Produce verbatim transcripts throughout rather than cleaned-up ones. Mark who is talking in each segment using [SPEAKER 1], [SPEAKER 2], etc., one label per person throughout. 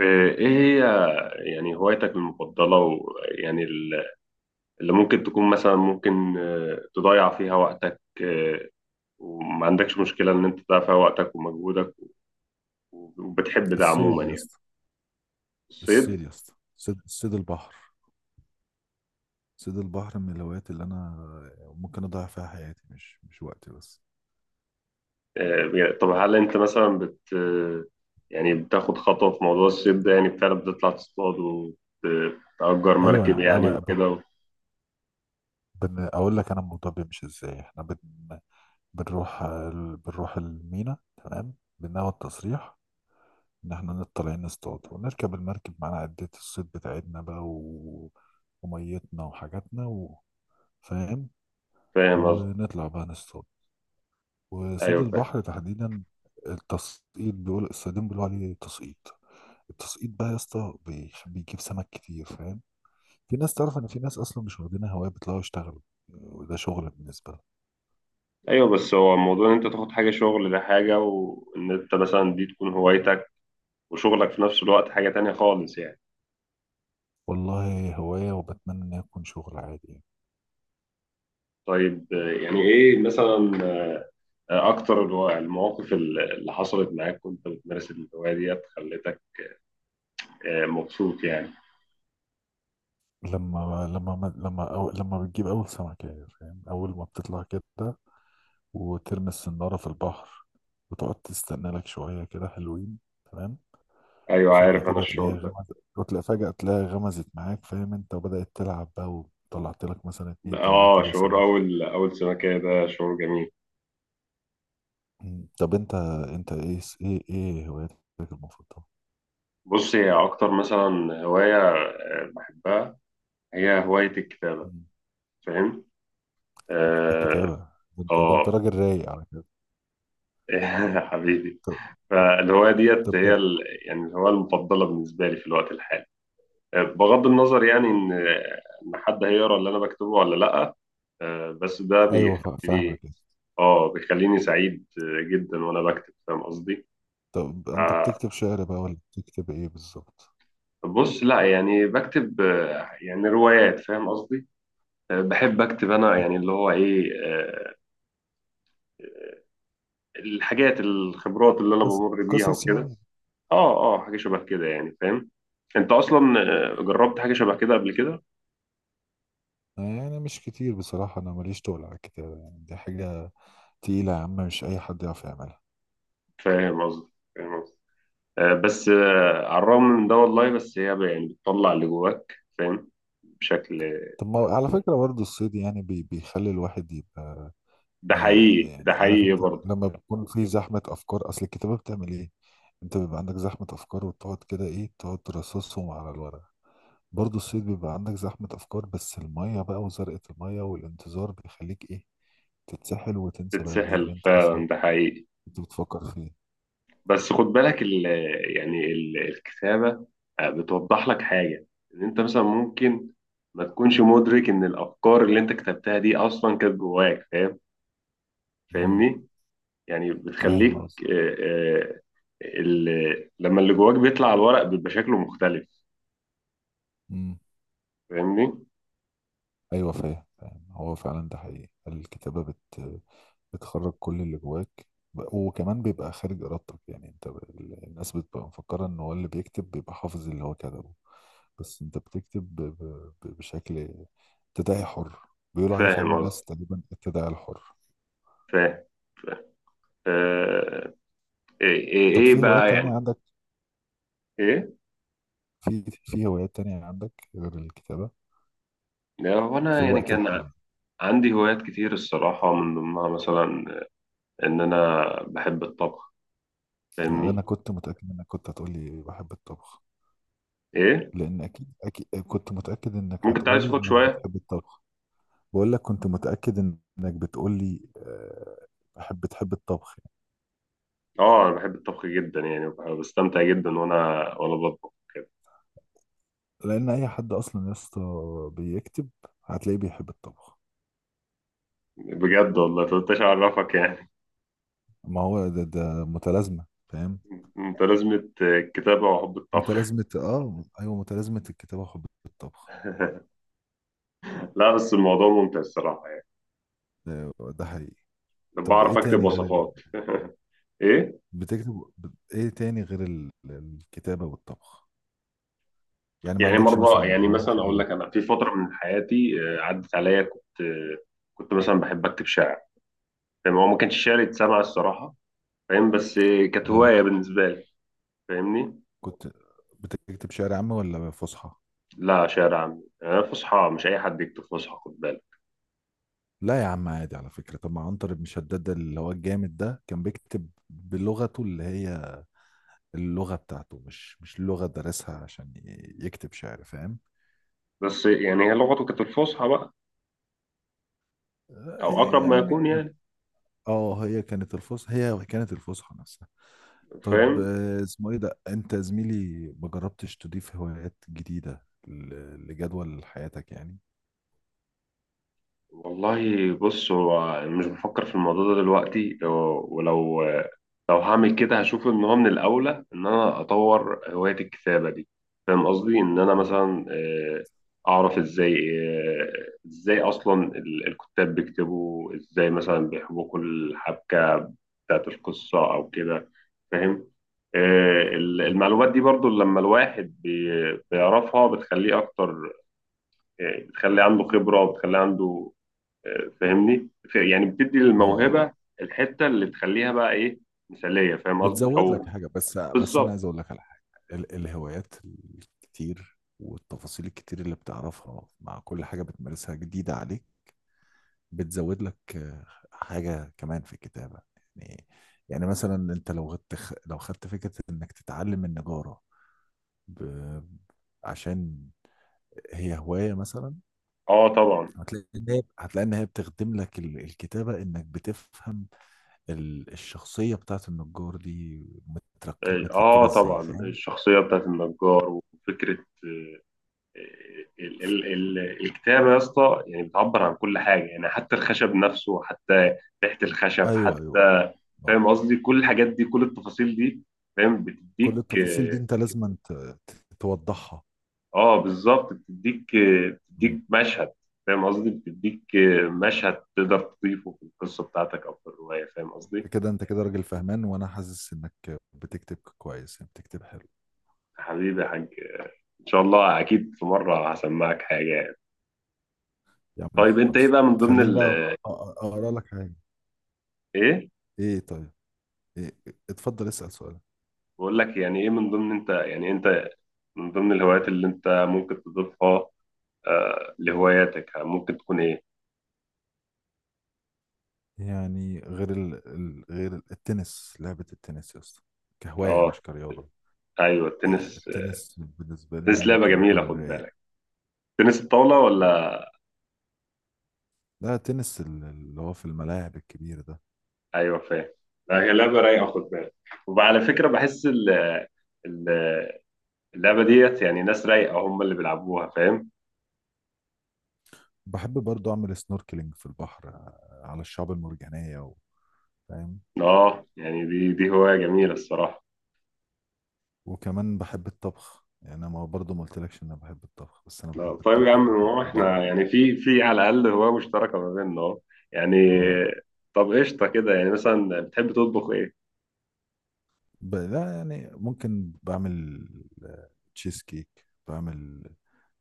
[SPEAKER 1] آه، ايه هي يعني هوايتك المفضلة ويعني ال- اللي ممكن تكون مثلا ممكن آه، تضيع فيها وقتك، آه، وما عندكش مشكلة ان انت تضيع فيها وقتك ومجهودك وبتحب ده عموما
[SPEAKER 2] الصيد يا
[SPEAKER 1] يعني.
[SPEAKER 2] اسطى
[SPEAKER 1] الصيد.
[SPEAKER 2] الصيد يا اسطى. صيد صيد البحر. صيد البحر من الهوايات اللي انا ممكن اضيع فيها حياتي، مش مش وقتي بس.
[SPEAKER 1] آه، بي- طب هل انت مثلا بت آه، يعني بتاخد خطوة في موضوع الصيد ده؟ يعني فعلا بتطلع تصطاد وتأجر
[SPEAKER 2] ايوه
[SPEAKER 1] مركب
[SPEAKER 2] يعني،
[SPEAKER 1] يعني
[SPEAKER 2] أبقى- أبقى-
[SPEAKER 1] وكده؟
[SPEAKER 2] بن- اقول لك انا الموضوع بيمشي ازاي. احنا بن... بنروح ال- بنروح المينا. تمام. بناخد تصريح ان احنا نط- طالعين نصطاد ونركب المركب، معانا عدة الصيد بتاعتنا بقى و... وميتنا وحاجاتنا، و... فاهم.
[SPEAKER 1] فاهم قصدي.
[SPEAKER 2] ونطلع بقى نصطاد. وصيد
[SPEAKER 1] ايوه فاهم.
[SPEAKER 2] البحر تحديدا، التسقيط، بيقول الصيادين بيقولوا عليه تسقيط. التسقيط بقى يا اسطى بيخ- بيجيب سمك كتير، فاهم. في ناس تعرف ان في ناس اصلا مش واخدينها هوايه، بيطلعوا يشتغلوا، وده شغل بالنسبه لهم.
[SPEAKER 1] ايوه بس هو موضوع ان انت تاخد حاجة شغل ده حاجة، وان انت مثلا دي تكون هوايتك وشغلك في نفس الوقت حاجة تانية خالص يعني.
[SPEAKER 2] والله هوايه، وبتمنى ان يكون شغل عادي يعني.
[SPEAKER 1] طيب، آه، يعني إيه مثلا آه، أكتر الو- المواقف ال- اللي حصلت معاك وأنت بتمارس الهواية ديت خلتك آه، مبسوط يعني؟
[SPEAKER 2] لما لما لما أو لما بتجيب اول سمكه يعني، فاهم. اول ما بتطلع كده وترمي السناره في البحر وتقعد تستنى لك شويه كده حلوين، تمام.
[SPEAKER 1] أيوه
[SPEAKER 2] وفجأة
[SPEAKER 1] عارف أنا
[SPEAKER 2] كده
[SPEAKER 1] الشعور
[SPEAKER 2] تلاقيها
[SPEAKER 1] ده.
[SPEAKER 2] غمزت، وتلاقي فجأة تلاقيها غمزت معاك، فاهم، انت وبدأت تلعب بقى وطلعت لك مثلا اتنين تلاتة
[SPEAKER 1] آه،
[SPEAKER 2] كيلو
[SPEAKER 1] شعور
[SPEAKER 2] سمك.
[SPEAKER 1] أول أول سمكة ده شعور جميل.
[SPEAKER 2] مم. طب انت انت ايه ايه ايه هواياتك المفضلة؟
[SPEAKER 1] بص، هي أكتر مثلا هواية آه، بحبها هي هواية الكتابة.
[SPEAKER 2] مم.
[SPEAKER 1] فاهم؟ آه.
[SPEAKER 2] الكتابة؟ ده انت ده انت
[SPEAKER 1] آه.
[SPEAKER 2] راجل رايق على كده.
[SPEAKER 1] حبيبي.
[SPEAKER 2] طب
[SPEAKER 1] فالهواية
[SPEAKER 2] طب
[SPEAKER 1] ديت هي
[SPEAKER 2] بل-
[SPEAKER 1] ال... يعني الهواية المفضلة بالنسبة لي في الوقت الحالي، بغض النظر يعني ان ان حد هيقرا اللي انا بكتبه ولا لا. آه، بس ده
[SPEAKER 2] ايوه، فا- فاهمك
[SPEAKER 1] بيخليني،
[SPEAKER 2] كده.
[SPEAKER 1] اه، بيخليني سعيد آه، جدا وانا بكتب، فاهم قصدي.
[SPEAKER 2] طب انت
[SPEAKER 1] آه،
[SPEAKER 2] بتكتب شعر بقى ولا بتكتب ايه بالظبط؟
[SPEAKER 1] بص، لا يعني بكتب آه، يعني روايات، فاهم قصدي. آه، بحب اكتب انا يعني اللي هو ايه، آه، الحاجات، الخبرات اللي انا
[SPEAKER 2] قصص،
[SPEAKER 1] بمر بيها
[SPEAKER 2] قصص
[SPEAKER 1] وكده.
[SPEAKER 2] يعني.
[SPEAKER 1] اه اه حاجه شبه كده يعني، فاهم؟ انت اصلا آه، جربت حاجه شبه كده قبل كده؟
[SPEAKER 2] يعني مش كتير بصراحة، أنا ماليش تقل على الكتابة، يعني دي حاجة تقيلة يا عم، مش أي حد يعرف يعملها.
[SPEAKER 1] فاهم قصدي، فاهم قصدي. آه، بس آه، على الرغم من ده، والله بس هي ب- يعني بتطلع اللي جواك، فاهم؟ بشكل.
[SPEAKER 2] طب ما على فكرة برضو الصيد يعني بي بيخلي الواحد يبقى.
[SPEAKER 1] ده
[SPEAKER 2] آه
[SPEAKER 1] حقيقي، ده
[SPEAKER 2] يعني، عارف
[SPEAKER 1] حقيقي
[SPEAKER 2] انت،
[SPEAKER 1] برضه.
[SPEAKER 2] لما بيكون في زحمة أفكار، أصل الكتابة بتعمل إيه؟ أنت بيبقى عندك زحمة أفكار وتقعد كده، إيه، تقعد ترصصهم على الورق. برضو الصيد بيبقى عندك زحمة أفكار، بس المية بقى وزرقة المية والانتظار بيخليك، إيه، تتسحل وتنسى بقى إيه
[SPEAKER 1] تتسحل
[SPEAKER 2] اللي أنت أصلا
[SPEAKER 1] فعلا، ده حقيقي.
[SPEAKER 2] كنت بتفكر فيه.
[SPEAKER 1] بس خد بالك ال يعني ال الكتابة آه، بتوضح لك حاجة، إن أنت مثلا ممكن ما تكونش مدرك إن الأفكار اللي أنت كتبتها دي أصلا كانت جواك، فاهم؟
[SPEAKER 2] امم.
[SPEAKER 1] فاهمني؟ يعني
[SPEAKER 2] فاهم
[SPEAKER 1] بتخليك،
[SPEAKER 2] قصدك.
[SPEAKER 1] آه، آه، ال- لما اللي جواك بيطلع على الورق بيبقى شكله مختلف.
[SPEAKER 2] امم.
[SPEAKER 1] فاهمني؟
[SPEAKER 2] أيوه، فاهم، فاهم. هو فعلا ده حقيقي، الكتابة بت بتخرج كل اللي جواك. ب- وكمان بيبقى خارج ارادتك يعني، انت ب- ال- الناس بتبقى مفكره ان هو اللي بيكتب بيبقى حافظ اللي هو كتبه. بس انت بتكتب ب- ب- ب- بشكل تداعي حر، بيقولوا عليه في علم
[SPEAKER 1] فاهم قصدي.
[SPEAKER 2] النفس تقريبا التداعي الحر.
[SPEAKER 1] فاهم. آه، ايه ايه
[SPEAKER 2] طب
[SPEAKER 1] إيه
[SPEAKER 2] في هوايات
[SPEAKER 1] بقى
[SPEAKER 2] تانية
[SPEAKER 1] يعني.
[SPEAKER 2] عندك؟
[SPEAKER 1] ايه؟
[SPEAKER 2] في في هوايات تانية عندك غير الكتابة
[SPEAKER 1] لا هو
[SPEAKER 2] في
[SPEAKER 1] انا يعني
[SPEAKER 2] الوقت
[SPEAKER 1] كان ع-
[SPEAKER 2] الحالي؟
[SPEAKER 1] عندي هوايات كتير الصراحه، من ضمنها مثلا ان انا بحب الطبخ،
[SPEAKER 2] انا
[SPEAKER 1] فاهمني؟
[SPEAKER 2] كنت متأكد انك كنت هتقولي بحب الطبخ.
[SPEAKER 1] ايه؟
[SPEAKER 2] لان اكيد، اكيد كنت متأكد انك
[SPEAKER 1] ممكن تعالى
[SPEAKER 2] هتقولي
[SPEAKER 1] صوتك
[SPEAKER 2] انك
[SPEAKER 1] شويه.
[SPEAKER 2] بتحب الطبخ. بقول لك كنت متأكد انك بتقول لي، آه، بحب بتحب الطبخ يعني.
[SPEAKER 1] اه انا بحب الطبخ جدا يعني، وبح- بستمتع جدا وانا وانا بطبخ.
[SPEAKER 2] لان اي حد اصلا يا اسطى بيكتب هتلاقيه بيحب الطبخ.
[SPEAKER 1] بجد والله مكنتش اعرفك يعني.
[SPEAKER 2] ما هو ده ده متلازمة، فاهم.
[SPEAKER 1] انت لازمة، كتابه وحب الطبخ.
[SPEAKER 2] متلازمة، اه ايوه، متلازمة الكتابة وحب الطبخ.
[SPEAKER 1] لا بس الموضوع ممتع الصراحه يعني.
[SPEAKER 2] ده, ده حقيقي. طب ايه
[SPEAKER 1] بعرف اكتب
[SPEAKER 2] تاني غير ال...؟
[SPEAKER 1] وصفات. ايه؟
[SPEAKER 2] بتكتب ب- ايه تاني غير ال... الكتابة والطبخ؟ يعني ما
[SPEAKER 1] يعني
[SPEAKER 2] عندكش
[SPEAKER 1] مرة
[SPEAKER 2] مثلا
[SPEAKER 1] يعني
[SPEAKER 2] هواية
[SPEAKER 1] مثلا أقول
[SPEAKER 2] غريبة؟
[SPEAKER 1] لك، أنا في فترة من حياتي آه، عدت عليا كنت آه، كنت مثلا بحب أكتب شعر، فاهم؟ هو ما كانش شعر يتسمع الصراحة، فاهم؟ بس آه، كانت
[SPEAKER 2] اه،
[SPEAKER 1] هواية بالنسبة لي، فاهمني؟
[SPEAKER 2] كنت بتكتب شعر عام ولا فصحى؟
[SPEAKER 1] لا شعر عامي. آه، فصحى مش أي حد يكتب فصحى، خد بالك.
[SPEAKER 2] لا يا عم عادي على فكرة، طب ما عنتر بن شداد اللي هو الجامد ده كان بيكتب بلغته اللي هي اللغة بتاعته، مش مش لغة درسها عشان ي- يكتب شعر، فاهم.
[SPEAKER 1] بس آه، يعني هي لغته كانت الفصحى بقى،
[SPEAKER 2] آه،
[SPEAKER 1] أو
[SPEAKER 2] هي-
[SPEAKER 1] أقرب ما
[SPEAKER 2] يعني م-
[SPEAKER 1] يكون يعني.
[SPEAKER 2] اه، هي كانت الفصحى، هي كانت الفصحى نفسها. طب
[SPEAKER 1] فاهم.
[SPEAKER 2] آه، اسمه ايه ده انت زميلي، ما جربتش تضيف هوايات جديدة ل- لجدول حياتك يعني؟
[SPEAKER 1] والله بص، هو مش بفكر في الموضوع ده دلوقتي، ولو لو هعمل كده هشوف ان هو من الاولى ان انا اطور هواية الكتابة دي. فاهم قصدي، ان انا
[SPEAKER 2] مم.
[SPEAKER 1] مثلا آه، اعرف ازاي آه، ازاي اصلا ال- الكتاب بيكتبوا، ازاي مثلا بيحبكوا الحبكة بتاعت القصة او كده، فاهم؟ آه، ال-
[SPEAKER 2] طب،
[SPEAKER 1] المعلومات دي برضو لما الواحد بي- بيعرفها بتخليه اكتر، آه، بتخليه عنده خبرة وبتخليه عنده، فاهمني؟ ف- يعني بتدي
[SPEAKER 2] اه، آه.
[SPEAKER 1] للموهبه الحته اللي تخليها بقى ايه، مثاليه، فاهم قصدي؟
[SPEAKER 2] بتزود
[SPEAKER 1] او
[SPEAKER 2] لك حاجه، بس بس انا
[SPEAKER 1] بالظبط.
[SPEAKER 2] عايز اقول لك على حاجه. ال- الهوايات الكتير والتفاصيل الكتير اللي بتعرفها مع كل حاجه بتمارسها جديده عليك بتزود لك آه، حاجه كمان في الكتابه يعني. يعني مثلا انت لو خدت لو خدت فكره انك تتعلم النجاره ب... عشان هي هوايه مثلا،
[SPEAKER 1] اه طبعا.
[SPEAKER 2] هتلاقي ان هي هتلاقي ان هي بتخدم لك ال- الكتابه، انك بتفهم ال- الشخصيه بتاعت النجار دي مترك...
[SPEAKER 1] اه
[SPEAKER 2] متركبه ازاي،
[SPEAKER 1] طبعا،
[SPEAKER 2] فاهم.
[SPEAKER 1] الشخصيه بتاعت النجار وفكره، آه، ال ال ال الكتابه يا اسطى يعني بتعبر عن كل حاجه، يعني حتى الخشب نفسه، حتى ريحه الخشب،
[SPEAKER 2] ايوه، ايوه.
[SPEAKER 1] حتى
[SPEAKER 2] آه.
[SPEAKER 1] فاهم قصدي، كل الحاجات دي، كل التفاصيل دي، فاهم؟
[SPEAKER 2] كل
[SPEAKER 1] بتديك
[SPEAKER 2] التفاصيل دي
[SPEAKER 1] آه،
[SPEAKER 2] انت لازم ت- توضحها.
[SPEAKER 1] اه بالظبط، بتديك،
[SPEAKER 2] مم.
[SPEAKER 1] بتديك مشهد، فاهم قصدي؟ بتديك مشهد تقدر تضيفه في القصه بتاعتك او في الروايه، فاهم قصدي؟
[SPEAKER 2] انت كده، انت كده راجل فهمان، وانا حاسس انك بتكتب كويس يعني، بتكتب حلو.
[SPEAKER 1] يا حبيبي يا حاج، ان شاء الله اكيد في مره هسمعك حاجه يعني.
[SPEAKER 2] يا عم
[SPEAKER 1] طيب انت ايه
[SPEAKER 2] خلص
[SPEAKER 1] بقى من ضمن
[SPEAKER 2] تخليني
[SPEAKER 1] ال...
[SPEAKER 2] بقى، أ- أ- اقرا لك حاجه.
[SPEAKER 1] ايه،
[SPEAKER 2] ايه طيب. إيه؟ اتفضل اسال سؤال.
[SPEAKER 1] بقول لك يعني ايه من ضمن انت، يعني انت من ضمن الهوايات اللي انت ممكن تضيفها آه لهواياتك ممكن تكون ايه؟
[SPEAKER 2] يعني غير ال... ال- غير ال- التنس، لعبه التنس يا اسطى، كهوايه
[SPEAKER 1] اه،
[SPEAKER 2] مش كرياضه.
[SPEAKER 1] ايوه
[SPEAKER 2] آه،
[SPEAKER 1] التنس.
[SPEAKER 2] التنس بالنسبه لي
[SPEAKER 1] التنس لعبه
[SPEAKER 2] ممكن
[SPEAKER 1] جميله،
[SPEAKER 2] يكون
[SPEAKER 1] خد
[SPEAKER 2] رايق.
[SPEAKER 1] بالك. تنس الطاوله ولا؟
[SPEAKER 2] لا، تنس ال- اللي هو في الملاعب الكبير ده.
[SPEAKER 1] ايوه فاهم. لعبه رايقه، خد بالك. وعلى فكره بحس ال ال- اللعبه ديت يعني ناس رايقه هم اللي بيلعبوها، فاهم؟
[SPEAKER 2] بحب برضو أعمل سنوركلينج في البحر آه، على الشعاب المرجانية و- فاهم.
[SPEAKER 1] اه يعني دي دي هوايه جميله الصراحه.
[SPEAKER 2] وكمان بحب الطبخ يعني، أنا ما برضو ما قلتلكش إن أنا بحب الطبخ، بس أنا
[SPEAKER 1] آه،
[SPEAKER 2] بحب
[SPEAKER 1] طيب يا عم،
[SPEAKER 2] الطبخ
[SPEAKER 1] ما هو
[SPEAKER 2] وبحب بعمل.
[SPEAKER 1] احنا يعني في، في على الاقل هوايه مشتركه ما بيننا اهو يعني.
[SPEAKER 2] اه،
[SPEAKER 1] طب قشطه كده، يعني مثلا بتحب تطبخ ايه؟
[SPEAKER 2] ب... لا يعني ممكن بعمل تشيز كيك، بعمل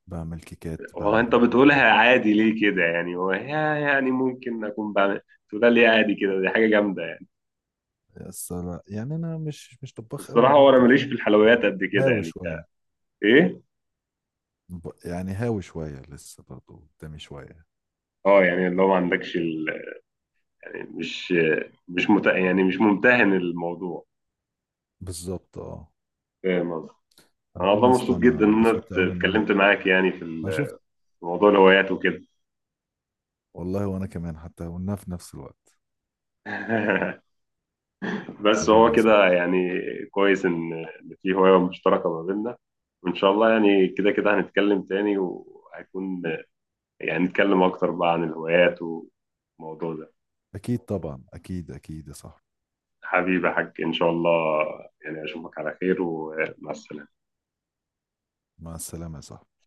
[SPEAKER 2] بعمل كيكات،
[SPEAKER 1] هو انت
[SPEAKER 2] بعمل.
[SPEAKER 1] بتقولها عادي ليه كده يعني؟ هو يا- يعني ممكن اكون بعمل، تقولها ليه عادي كده، دي حاجه جامده يعني.
[SPEAKER 2] بس لا يعني أنا مش مش طباخ قوي
[SPEAKER 1] الصراحه هو انا
[SPEAKER 2] برضو،
[SPEAKER 1] ماليش في
[SPEAKER 2] فاهم.
[SPEAKER 1] الحلويات قد كده
[SPEAKER 2] هاوي
[SPEAKER 1] يعني.
[SPEAKER 2] شوية.
[SPEAKER 1] ايه؟
[SPEAKER 2] ب... يعني هاوي شوية لسه، برضو قدامي شوية.
[SPEAKER 1] اه يعني اللي هو ما عندكش ال... يعني مش، مش مت... يعني مش ممتهن الموضوع.
[SPEAKER 2] بالظبط اه.
[SPEAKER 1] فاهم قصدي.
[SPEAKER 2] انا
[SPEAKER 1] انا
[SPEAKER 2] بقول
[SPEAKER 1] والله
[SPEAKER 2] لسه
[SPEAKER 1] مبسوط جدا
[SPEAKER 2] انا
[SPEAKER 1] ان انا
[SPEAKER 2] انبسطت
[SPEAKER 1] ات-
[SPEAKER 2] قوي ان انا.
[SPEAKER 1] اتكلمت معاك يعني في
[SPEAKER 2] أنا شفت.
[SPEAKER 1] ال- في موضوع الهوايات وكده.
[SPEAKER 2] والله وانا كمان حتى قلناها في نفس الوقت.
[SPEAKER 1] بس هو
[SPEAKER 2] حبيبي يا صاحبي.
[SPEAKER 1] كده يعني، كويس ان إن في هواية مشتركة ما بيننا، وان شاء الله يعني كده كده هنتكلم تاني وهيكون يعني نتكلم اكتر بقى عن الهوايات والموضوع ده.
[SPEAKER 2] اكيد طبعا، اكيد اكيد يا صاحبي.
[SPEAKER 1] حبيبي يا حاج، ان شاء الله، يعني اشوفك على خير ومع السلامة.
[SPEAKER 2] مع السلامة يا صاحبي.